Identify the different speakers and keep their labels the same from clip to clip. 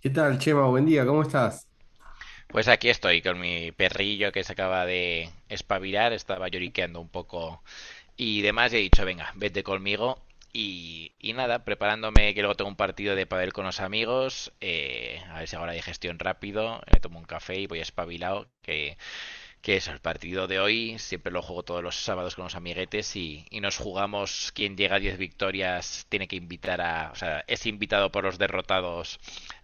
Speaker 1: ¿Qué tal, Chema? Buen día, ¿cómo estás?
Speaker 2: Pues aquí estoy con mi perrillo que se acaba de espabilar, estaba lloriqueando un poco y demás, y he dicho, venga, vete conmigo. Y nada, preparándome que luego tengo un partido de pádel con los amigos, a ver si hago la digestión rápido, me tomo un café y voy espabilado, que es el partido de hoy, siempre lo juego todos los sábados con los amiguetes y nos jugamos quien llega a 10 victorias tiene que invitar a, o sea, es invitado por los derrotados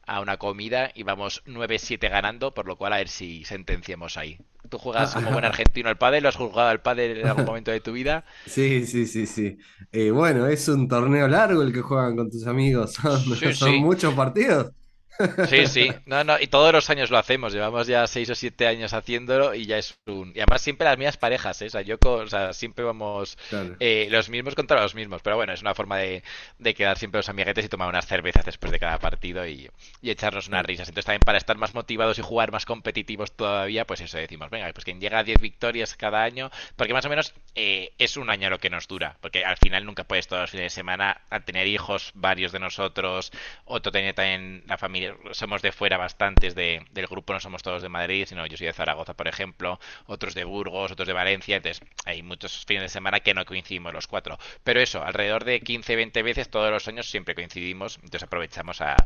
Speaker 2: a una comida y vamos 9-7 ganando, por lo cual a ver si sentenciamos ahí. ¿Tú juegas como buen
Speaker 1: Ah,
Speaker 2: argentino al pádel? ¿Lo has jugado al pádel
Speaker 1: ah,
Speaker 2: en algún momento de tu vida?
Speaker 1: Sí, sí, sí, sí. Bueno, es un torneo largo el que juegan con tus amigos, son,
Speaker 2: Sí,
Speaker 1: son
Speaker 2: sí.
Speaker 1: muchos partidos.
Speaker 2: Sí, sí, no, no, y todos los años lo hacemos, llevamos ya 6 o 7 años haciéndolo y ya es un... Y además siempre las mismas parejas, ¿eh? O sea, yo, o sea, siempre vamos
Speaker 1: Claro,
Speaker 2: los mismos contra los mismos, pero bueno, es una forma de quedar siempre los amiguetes y tomar unas cervezas después de cada partido y echarnos unas
Speaker 1: claro.
Speaker 2: risas. Entonces también para estar más motivados y jugar más competitivos todavía, pues eso decimos, venga, pues quien llega a 10 victorias cada año, porque más o menos es un año lo que nos dura, porque al final nunca puedes todos los fines de semana, al tener hijos varios de nosotros, todos, otro tenía también la familia, somos de fuera bastantes del grupo, no somos todos de Madrid, sino yo soy de Zaragoza, por ejemplo, otros de Burgos, otros de Valencia, entonces hay muchos fines de semana que no coincidimos los cuatro. Pero eso, alrededor de 15-20 veces todos los años siempre coincidimos, entonces aprovechamos a,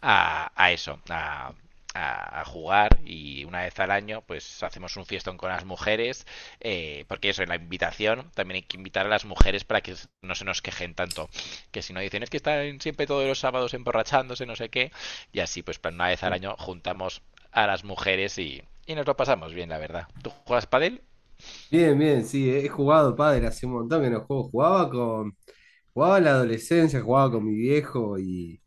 Speaker 2: a, a eso, jugar y una vez al año pues hacemos un fiestón con las mujeres porque eso en la invitación también hay que invitar a las mujeres para que no se nos quejen tanto que si no dicen es que están siempre todos los sábados emborrachándose, no sé qué, y así pues una vez al año juntamos a las mujeres y nos lo pasamos bien, la verdad. ¿Tú juegas padel?
Speaker 1: Bien, bien, sí, he jugado pádel hace un montón que no juego. Jugaba en la adolescencia, jugaba con mi viejo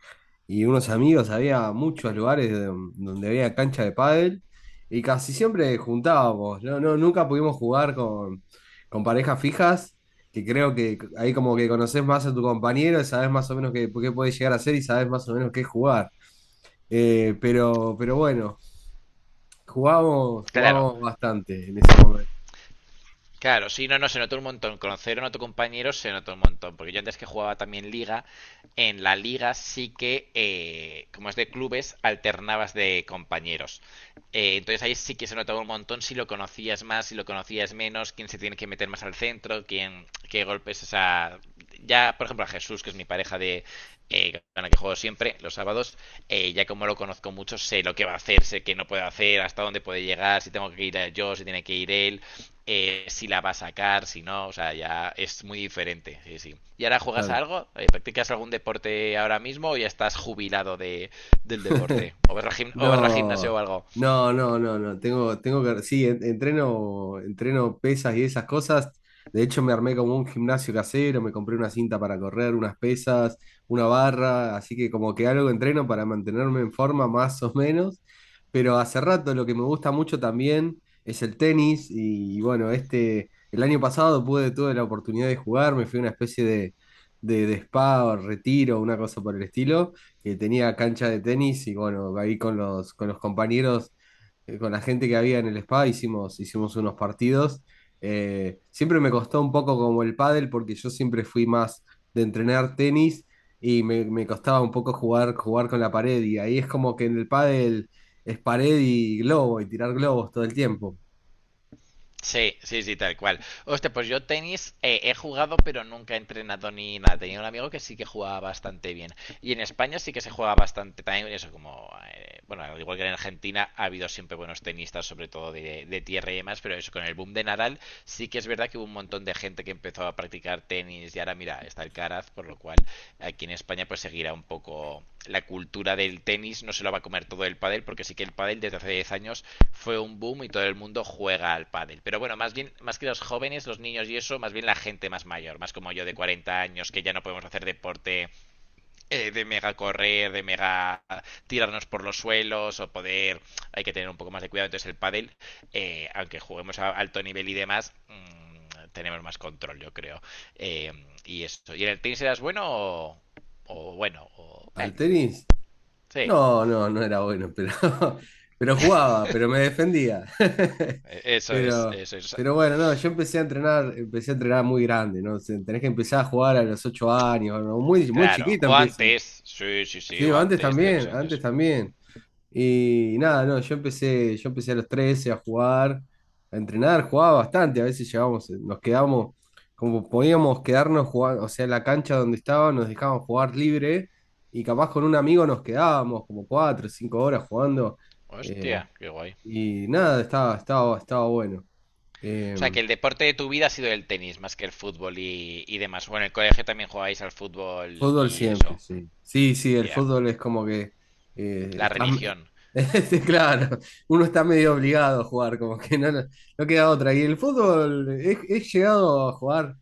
Speaker 1: y unos amigos, había muchos lugares donde había cancha de pádel y casi siempre juntábamos, nunca pudimos jugar con parejas fijas, que creo que ahí como que conoces más a tu compañero, y sabes más o menos qué puede llegar a hacer y sabes más o menos qué jugar. Pero bueno,
Speaker 2: Claro,
Speaker 1: jugábamos bastante en ese momento,
Speaker 2: claro, sí, no, no, se notó un montón. Conocer a otro compañero se notó un montón. Porque yo antes que jugaba también liga, en la liga sí que, como es de clubes, alternabas de compañeros. Entonces ahí sí que se notaba un montón si lo conocías más, si lo conocías menos, quién se tiene que meter más al centro, quién, qué golpes, o sea, ya, por ejemplo, a Jesús, que es mi pareja de, con la que juego siempre, los sábados, ya como lo conozco mucho, sé lo que va a hacer, sé qué no puede hacer, hasta dónde puede llegar, si tengo que ir yo, si tiene que ir él, si la va a sacar, si no, o sea, ya es muy diferente, sí, sí. ¿Y ahora juegas a
Speaker 1: claro.
Speaker 2: algo? ¿Practicas algún deporte ahora mismo o ya estás jubilado de, del deporte? ¿O vas, o vas al gimnasio o
Speaker 1: No,
Speaker 2: algo?
Speaker 1: no. Tengo que, sí, entreno pesas y esas cosas. De hecho, me armé como un gimnasio casero, me compré una cinta para correr, unas pesas, una barra, así que como que algo entreno para mantenerme en forma más o menos. Pero hace rato lo que me gusta mucho también es el tenis y, bueno, este, el año pasado pude, tuve la oportunidad de jugar, me fui a una especie de spa o retiro, una cosa por el estilo que tenía cancha de tenis y bueno, ahí con con los compañeros, con la gente que había en el spa, hicimos unos partidos. Siempre me costó un poco como el pádel porque yo siempre fui más de entrenar tenis y me costaba un poco jugar con la pared y ahí es como que en el pádel es pared y globo y tirar globos todo el tiempo.
Speaker 2: Sí, sí, sí, tal cual. Hostia, pues yo tenis he jugado, pero nunca he entrenado ni nada. Tenía un amigo que sí que jugaba bastante bien. Y en España sí que se juega bastante también. Eso, como, bueno, al igual que en Argentina, ha habido siempre buenos tenistas, sobre todo de tierra y demás. Pero eso, con el boom de Nadal, sí que es verdad que hubo un montón de gente que empezó a practicar tenis. Y ahora, mira, está el Caraz, por lo cual aquí en España pues seguirá un poco la cultura del tenis, no se lo va a comer todo el pádel, porque sí que el pádel desde hace 10 años fue un boom y todo el mundo juega al pádel. Pero bueno, más bien, más que los jóvenes, los niños y eso, más bien la gente más mayor, más como yo de 40 años, que ya no podemos hacer deporte de mega correr, de mega tirarnos por los suelos o poder, hay que tener un poco más de cuidado. Entonces el pádel, aunque juguemos a alto nivel y demás, tenemos más control, yo creo. Eh, y eso. ¿Y en el tenis eras bueno o bueno?
Speaker 1: Al tenis
Speaker 2: Sí.
Speaker 1: no, no, no era bueno, pero, pero jugaba, pero me defendía.
Speaker 2: Eso es,
Speaker 1: Pero,
Speaker 2: eso es.
Speaker 1: pero bueno, no, yo empecé a entrenar muy grande, ¿no? O sea, tenés que empezar a jugar a los 8 años, ¿no? Muy, muy
Speaker 2: Claro.
Speaker 1: chiquito
Speaker 2: O
Speaker 1: empieza.
Speaker 2: antes. Sí, sí, sí,
Speaker 1: Sí,
Speaker 2: o
Speaker 1: antes
Speaker 2: antes de
Speaker 1: también,
Speaker 2: ocho
Speaker 1: antes
Speaker 2: años.
Speaker 1: también. Y nada, no, yo empecé a los 13 a jugar, a entrenar, jugaba bastante, a veces llegábamos, nos quedábamos, como podíamos quedarnos jugando, o sea, en la cancha donde estaba nos dejaban jugar libre y capaz con un amigo nos quedábamos como cuatro o 5 horas jugando
Speaker 2: Hostia,
Speaker 1: eh,
Speaker 2: qué guay.
Speaker 1: y nada, estaba bueno.
Speaker 2: O sea,
Speaker 1: Em,
Speaker 2: que el deporte de tu vida ha sido el tenis más que el fútbol y demás. Bueno, en el colegio también jugabais al fútbol
Speaker 1: fútbol
Speaker 2: y
Speaker 1: siempre,
Speaker 2: eso.
Speaker 1: sí. Sí, sí, el
Speaker 2: Yeah.
Speaker 1: fútbol es como que eh,
Speaker 2: La
Speaker 1: está-
Speaker 2: religión.
Speaker 1: este, claro, uno está medio obligado a jugar, como que no no queda otra. Y el fútbol, he llegado a jugar,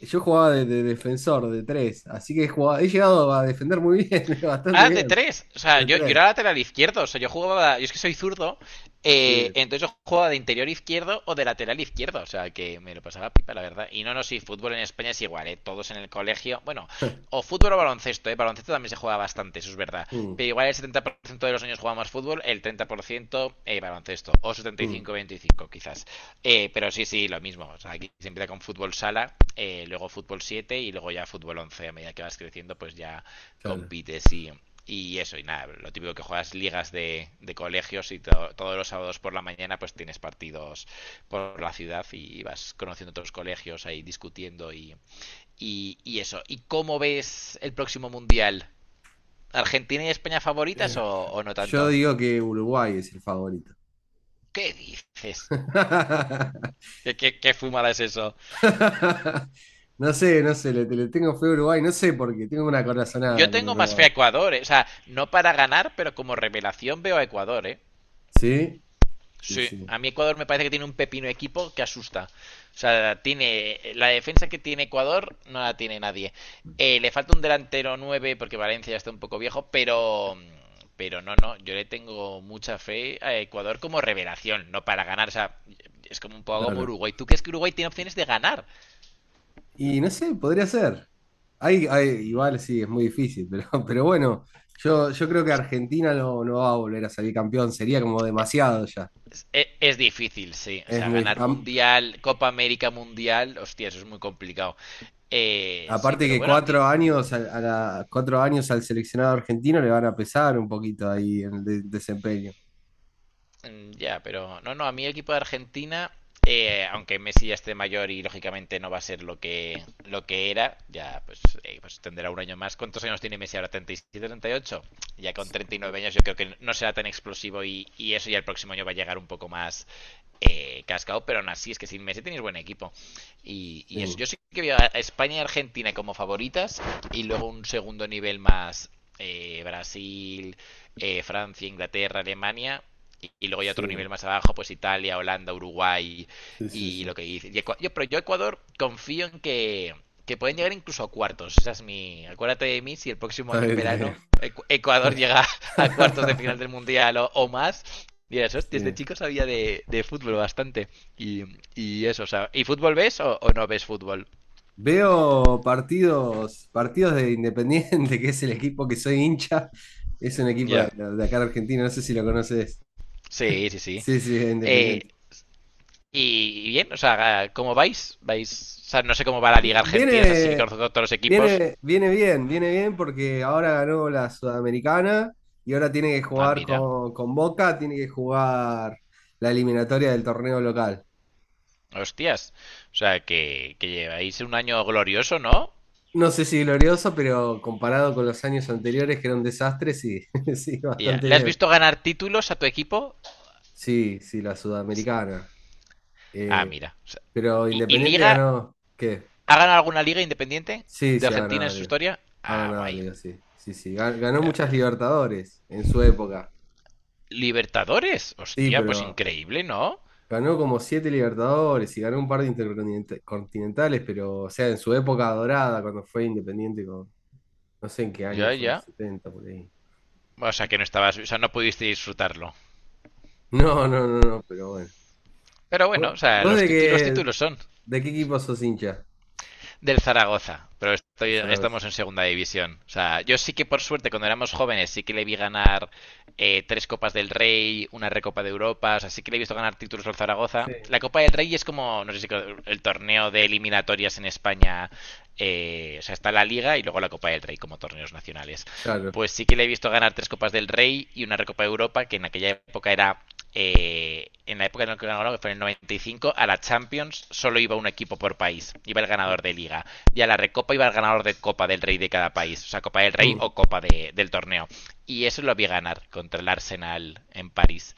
Speaker 1: yo jugaba de defensor, de tres, así que he llegado a defender muy bien, bastante
Speaker 2: Ah, de
Speaker 1: bien,
Speaker 2: tres. O sea,
Speaker 1: de
Speaker 2: yo
Speaker 1: tres,
Speaker 2: era lateral izquierdo. O sea, yo jugaba. Yo es que soy zurdo.
Speaker 1: sí.
Speaker 2: Entonces yo jugaba de interior izquierdo o de lateral izquierdo. O sea, que me lo pasaba pipa, la verdad. Y no, no, sí, fútbol en España es igual, ¿eh? Todos en el colegio. Bueno, o fútbol o baloncesto, ¿eh? Baloncesto también se juega bastante, eso es verdad.
Speaker 1: Mm,
Speaker 2: Pero igual el 70% de los años jugamos fútbol, el 30% baloncesto. O
Speaker 1: mm,
Speaker 2: 75-25, quizás. Pero sí, sí, lo mismo. O sea, aquí se empieza con fútbol sala, luego fútbol 7 y luego ya fútbol once. A medida que vas creciendo, pues ya
Speaker 1: claro.
Speaker 2: compites y eso, y nada, lo típico que juegas ligas de colegios y todos los sábados por la mañana pues tienes partidos por la ciudad y vas conociendo otros colegios ahí discutiendo y eso. ¿Y cómo ves el próximo mundial? ¿Argentina y España favoritas o no
Speaker 1: Yo
Speaker 2: tanto?
Speaker 1: digo que Uruguay es el favorito.
Speaker 2: ¿Qué dices? Qué fumada es eso?
Speaker 1: No sé, le tengo fe a Uruguay, no sé por qué, tengo una
Speaker 2: Yo
Speaker 1: corazonada con
Speaker 2: tengo más fe
Speaker 1: Uruguay.
Speaker 2: a Ecuador, eh. O sea, no para ganar, pero como revelación veo a Ecuador, ¿eh?
Speaker 1: ¿Sí? Sí,
Speaker 2: Sí,
Speaker 1: sí,
Speaker 2: a mí Ecuador me parece que tiene un pepino equipo que asusta. O sea, tiene la defensa que tiene Ecuador no la tiene nadie. Le falta un delantero 9 porque Valencia ya está un poco viejo, pero no, no, yo le tengo mucha fe a Ecuador como revelación, no para ganar, o sea, es como un poco como
Speaker 1: claro.
Speaker 2: Uruguay. ¿Tú crees que Uruguay tiene opciones de ganar?
Speaker 1: Y no sé, podría ser. Igual sí, es muy difícil, pero bueno, yo creo que
Speaker 2: Es,
Speaker 1: Argentina no va a volver a salir campeón, sería como demasiado ya.
Speaker 2: es difícil, sí. O
Speaker 1: Es
Speaker 2: sea,
Speaker 1: muy,
Speaker 2: ganar
Speaker 1: am-
Speaker 2: Mundial, Copa América Mundial, hostia, eso es muy complicado. Sí,
Speaker 1: aparte
Speaker 2: pero
Speaker 1: que
Speaker 2: bueno, aquí.
Speaker 1: cuatro años, cuatro años al seleccionado argentino le van a pesar un poquito ahí en desempeño.
Speaker 2: Mm. Ya, pero no, no, a mí el equipo de Argentina, aunque Messi ya esté mayor y lógicamente no va a ser lo que era, ya pues, pues tendrá un año más. ¿Cuántos años tiene Messi ahora? ¿37, 38? Ya con 39 años yo creo que no será tan explosivo y eso ya el próximo año va a llegar un poco más cascado, pero aún así es que sin Messi tenéis buen equipo. Y eso, yo sí que veo a España y Argentina como favoritas y luego un segundo nivel más Brasil, Francia, Inglaterra, Alemania y luego ya otro nivel más abajo, pues Italia, Holanda, Uruguay
Speaker 1: Sí, sí,
Speaker 2: y
Speaker 1: sí.
Speaker 2: lo que dice. Y yo, pero yo Ecuador confío en que pueden llegar incluso a cuartos. Esa es mi... Acuérdate de mí si el próximo
Speaker 1: Está
Speaker 2: año en
Speaker 1: bien, está
Speaker 2: verano
Speaker 1: bien.
Speaker 2: Ecuador llega a cuartos de final del Mundial o más. Dirás, hostia, este
Speaker 1: Sí.
Speaker 2: chico sabía de fútbol bastante. Y, y eso, o sea, ¿y fútbol ves o no ves fútbol?
Speaker 1: Veo partidos, partidos de Independiente, que es el equipo que soy hincha. Es un equipo
Speaker 2: Ya.
Speaker 1: de acá de Argentina, no sé si lo conoces.
Speaker 2: Sí, sí, sí.
Speaker 1: Sí, sí, es
Speaker 2: Eh,
Speaker 1: Independiente.
Speaker 2: y y bien, o sea, ¿cómo vais? ¿Vais? O sea, no sé cómo va la
Speaker 1: Vi-
Speaker 2: Liga Argentina, o sea, sí que
Speaker 1: Viene,
Speaker 2: conozco todos los equipos.
Speaker 1: viene bien porque ahora ganó la Sudamericana y ahora tiene que
Speaker 2: Ah,
Speaker 1: jugar
Speaker 2: mira.
Speaker 1: con Boca, tiene que jugar la eliminatoria del torneo local.
Speaker 2: Hostias. O sea, que lleváis un año glorioso, ¿no?
Speaker 1: No sé si glorioso, pero comparado con los años anteriores, que era un desastre, sí, sí,
Speaker 2: Ya.
Speaker 1: bastante
Speaker 2: ¿Le has
Speaker 1: bien.
Speaker 2: visto ganar títulos a tu equipo?
Speaker 1: Sí, sí, la Sudamericana.
Speaker 2: Ah,
Speaker 1: Eh,
Speaker 2: mira. O sea,
Speaker 1: pero
Speaker 2: y
Speaker 1: Independiente
Speaker 2: liga?
Speaker 1: ganó, ¿qué?
Speaker 2: ¿Ha ganado alguna liga independiente
Speaker 1: Sí,
Speaker 2: de
Speaker 1: sí, ha
Speaker 2: Argentina en
Speaker 1: ganado
Speaker 2: su
Speaker 1: Liga.
Speaker 2: historia?
Speaker 1: Ha
Speaker 2: Ah,
Speaker 1: ganado
Speaker 2: guay.
Speaker 1: Liga, sí. Sí, sí. Ganó muchas
Speaker 2: Que-
Speaker 1: Libertadores en su época.
Speaker 2: Libertadores.
Speaker 1: Sí,
Speaker 2: Hostia, pues
Speaker 1: pero
Speaker 2: increíble, ¿no?
Speaker 1: ganó como 7 Libertadores y ganó un par de intercontinentales, pero, o sea, en su época dorada, cuando fue Independiente, con, no sé en qué año
Speaker 2: Ya,
Speaker 1: fue, en los
Speaker 2: ya.
Speaker 1: 70 por ahí.
Speaker 2: O sea, que no estabas, o sea, no pudiste disfrutarlo.
Speaker 1: No, no, no, no, pero bueno.
Speaker 2: Pero bueno,
Speaker 1: ¿
Speaker 2: o sea,
Speaker 1: vos
Speaker 2: los títulos, títulos son.
Speaker 1: de qué equipo sos hincha?
Speaker 2: Del Zaragoza, pero
Speaker 1: ¿De
Speaker 2: estoy,
Speaker 1: Zaragoza?
Speaker 2: estamos en segunda división. O sea, yo sí que por suerte cuando éramos jóvenes sí que le vi ganar tres Copas del Rey, una Recopa de Europa, o sea, sí que le he visto ganar títulos al Zaragoza.
Speaker 1: Sí.
Speaker 2: La Copa del Rey es como, no sé si el torneo de eliminatorias en España o sea, está la Liga y luego la Copa del Rey como torneos nacionales,
Speaker 1: Claro.
Speaker 2: pues sí que le he visto ganar tres Copas del Rey y una Recopa de Europa, que en aquella época era, en la época en la que ganó, ¿no? Que fue en el 95, a la Champions solo iba un equipo por país, iba el
Speaker 1: Mm,
Speaker 2: ganador de liga, y a la Recopa iba el ganador de Copa del Rey de cada país, o sea, Copa del Rey
Speaker 1: mm,
Speaker 2: o Copa de, del torneo. Y eso lo vi ganar contra el Arsenal en París.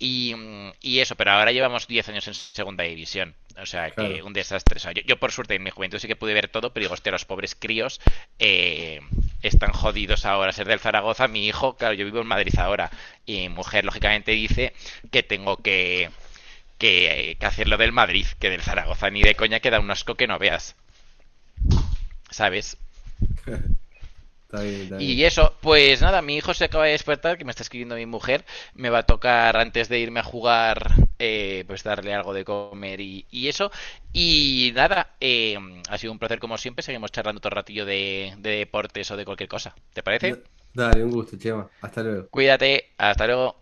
Speaker 2: Y, y, eso, pero ahora llevamos 10 años en segunda división. O sea, que
Speaker 1: claro,
Speaker 2: un desastre. O sea, yo, por suerte en mi juventud sí que pude ver todo, pero digo, hostia, los pobres críos eh, están jodidos ahora. Ser del Zaragoza, mi hijo, claro, yo vivo en Madrid ahora. Y mi mujer, lógicamente, dice que tengo que hacerlo del Madrid, que del Zaragoza ni de coña queda un asco que no veas. ¿Sabes?
Speaker 1: está bien, está bien.
Speaker 2: Y eso, pues nada, mi hijo se acaba de despertar, que me está escribiendo mi mujer. Me va a tocar antes de irme a jugar, pues darle algo de comer y eso. Y nada, ha sido un placer como siempre. Seguimos charlando otro ratillo de deportes o de cualquier cosa. ¿Te parece?
Speaker 1: Da- Dale, un gusto, Chema. Hasta luego.
Speaker 2: Cuídate, hasta luego.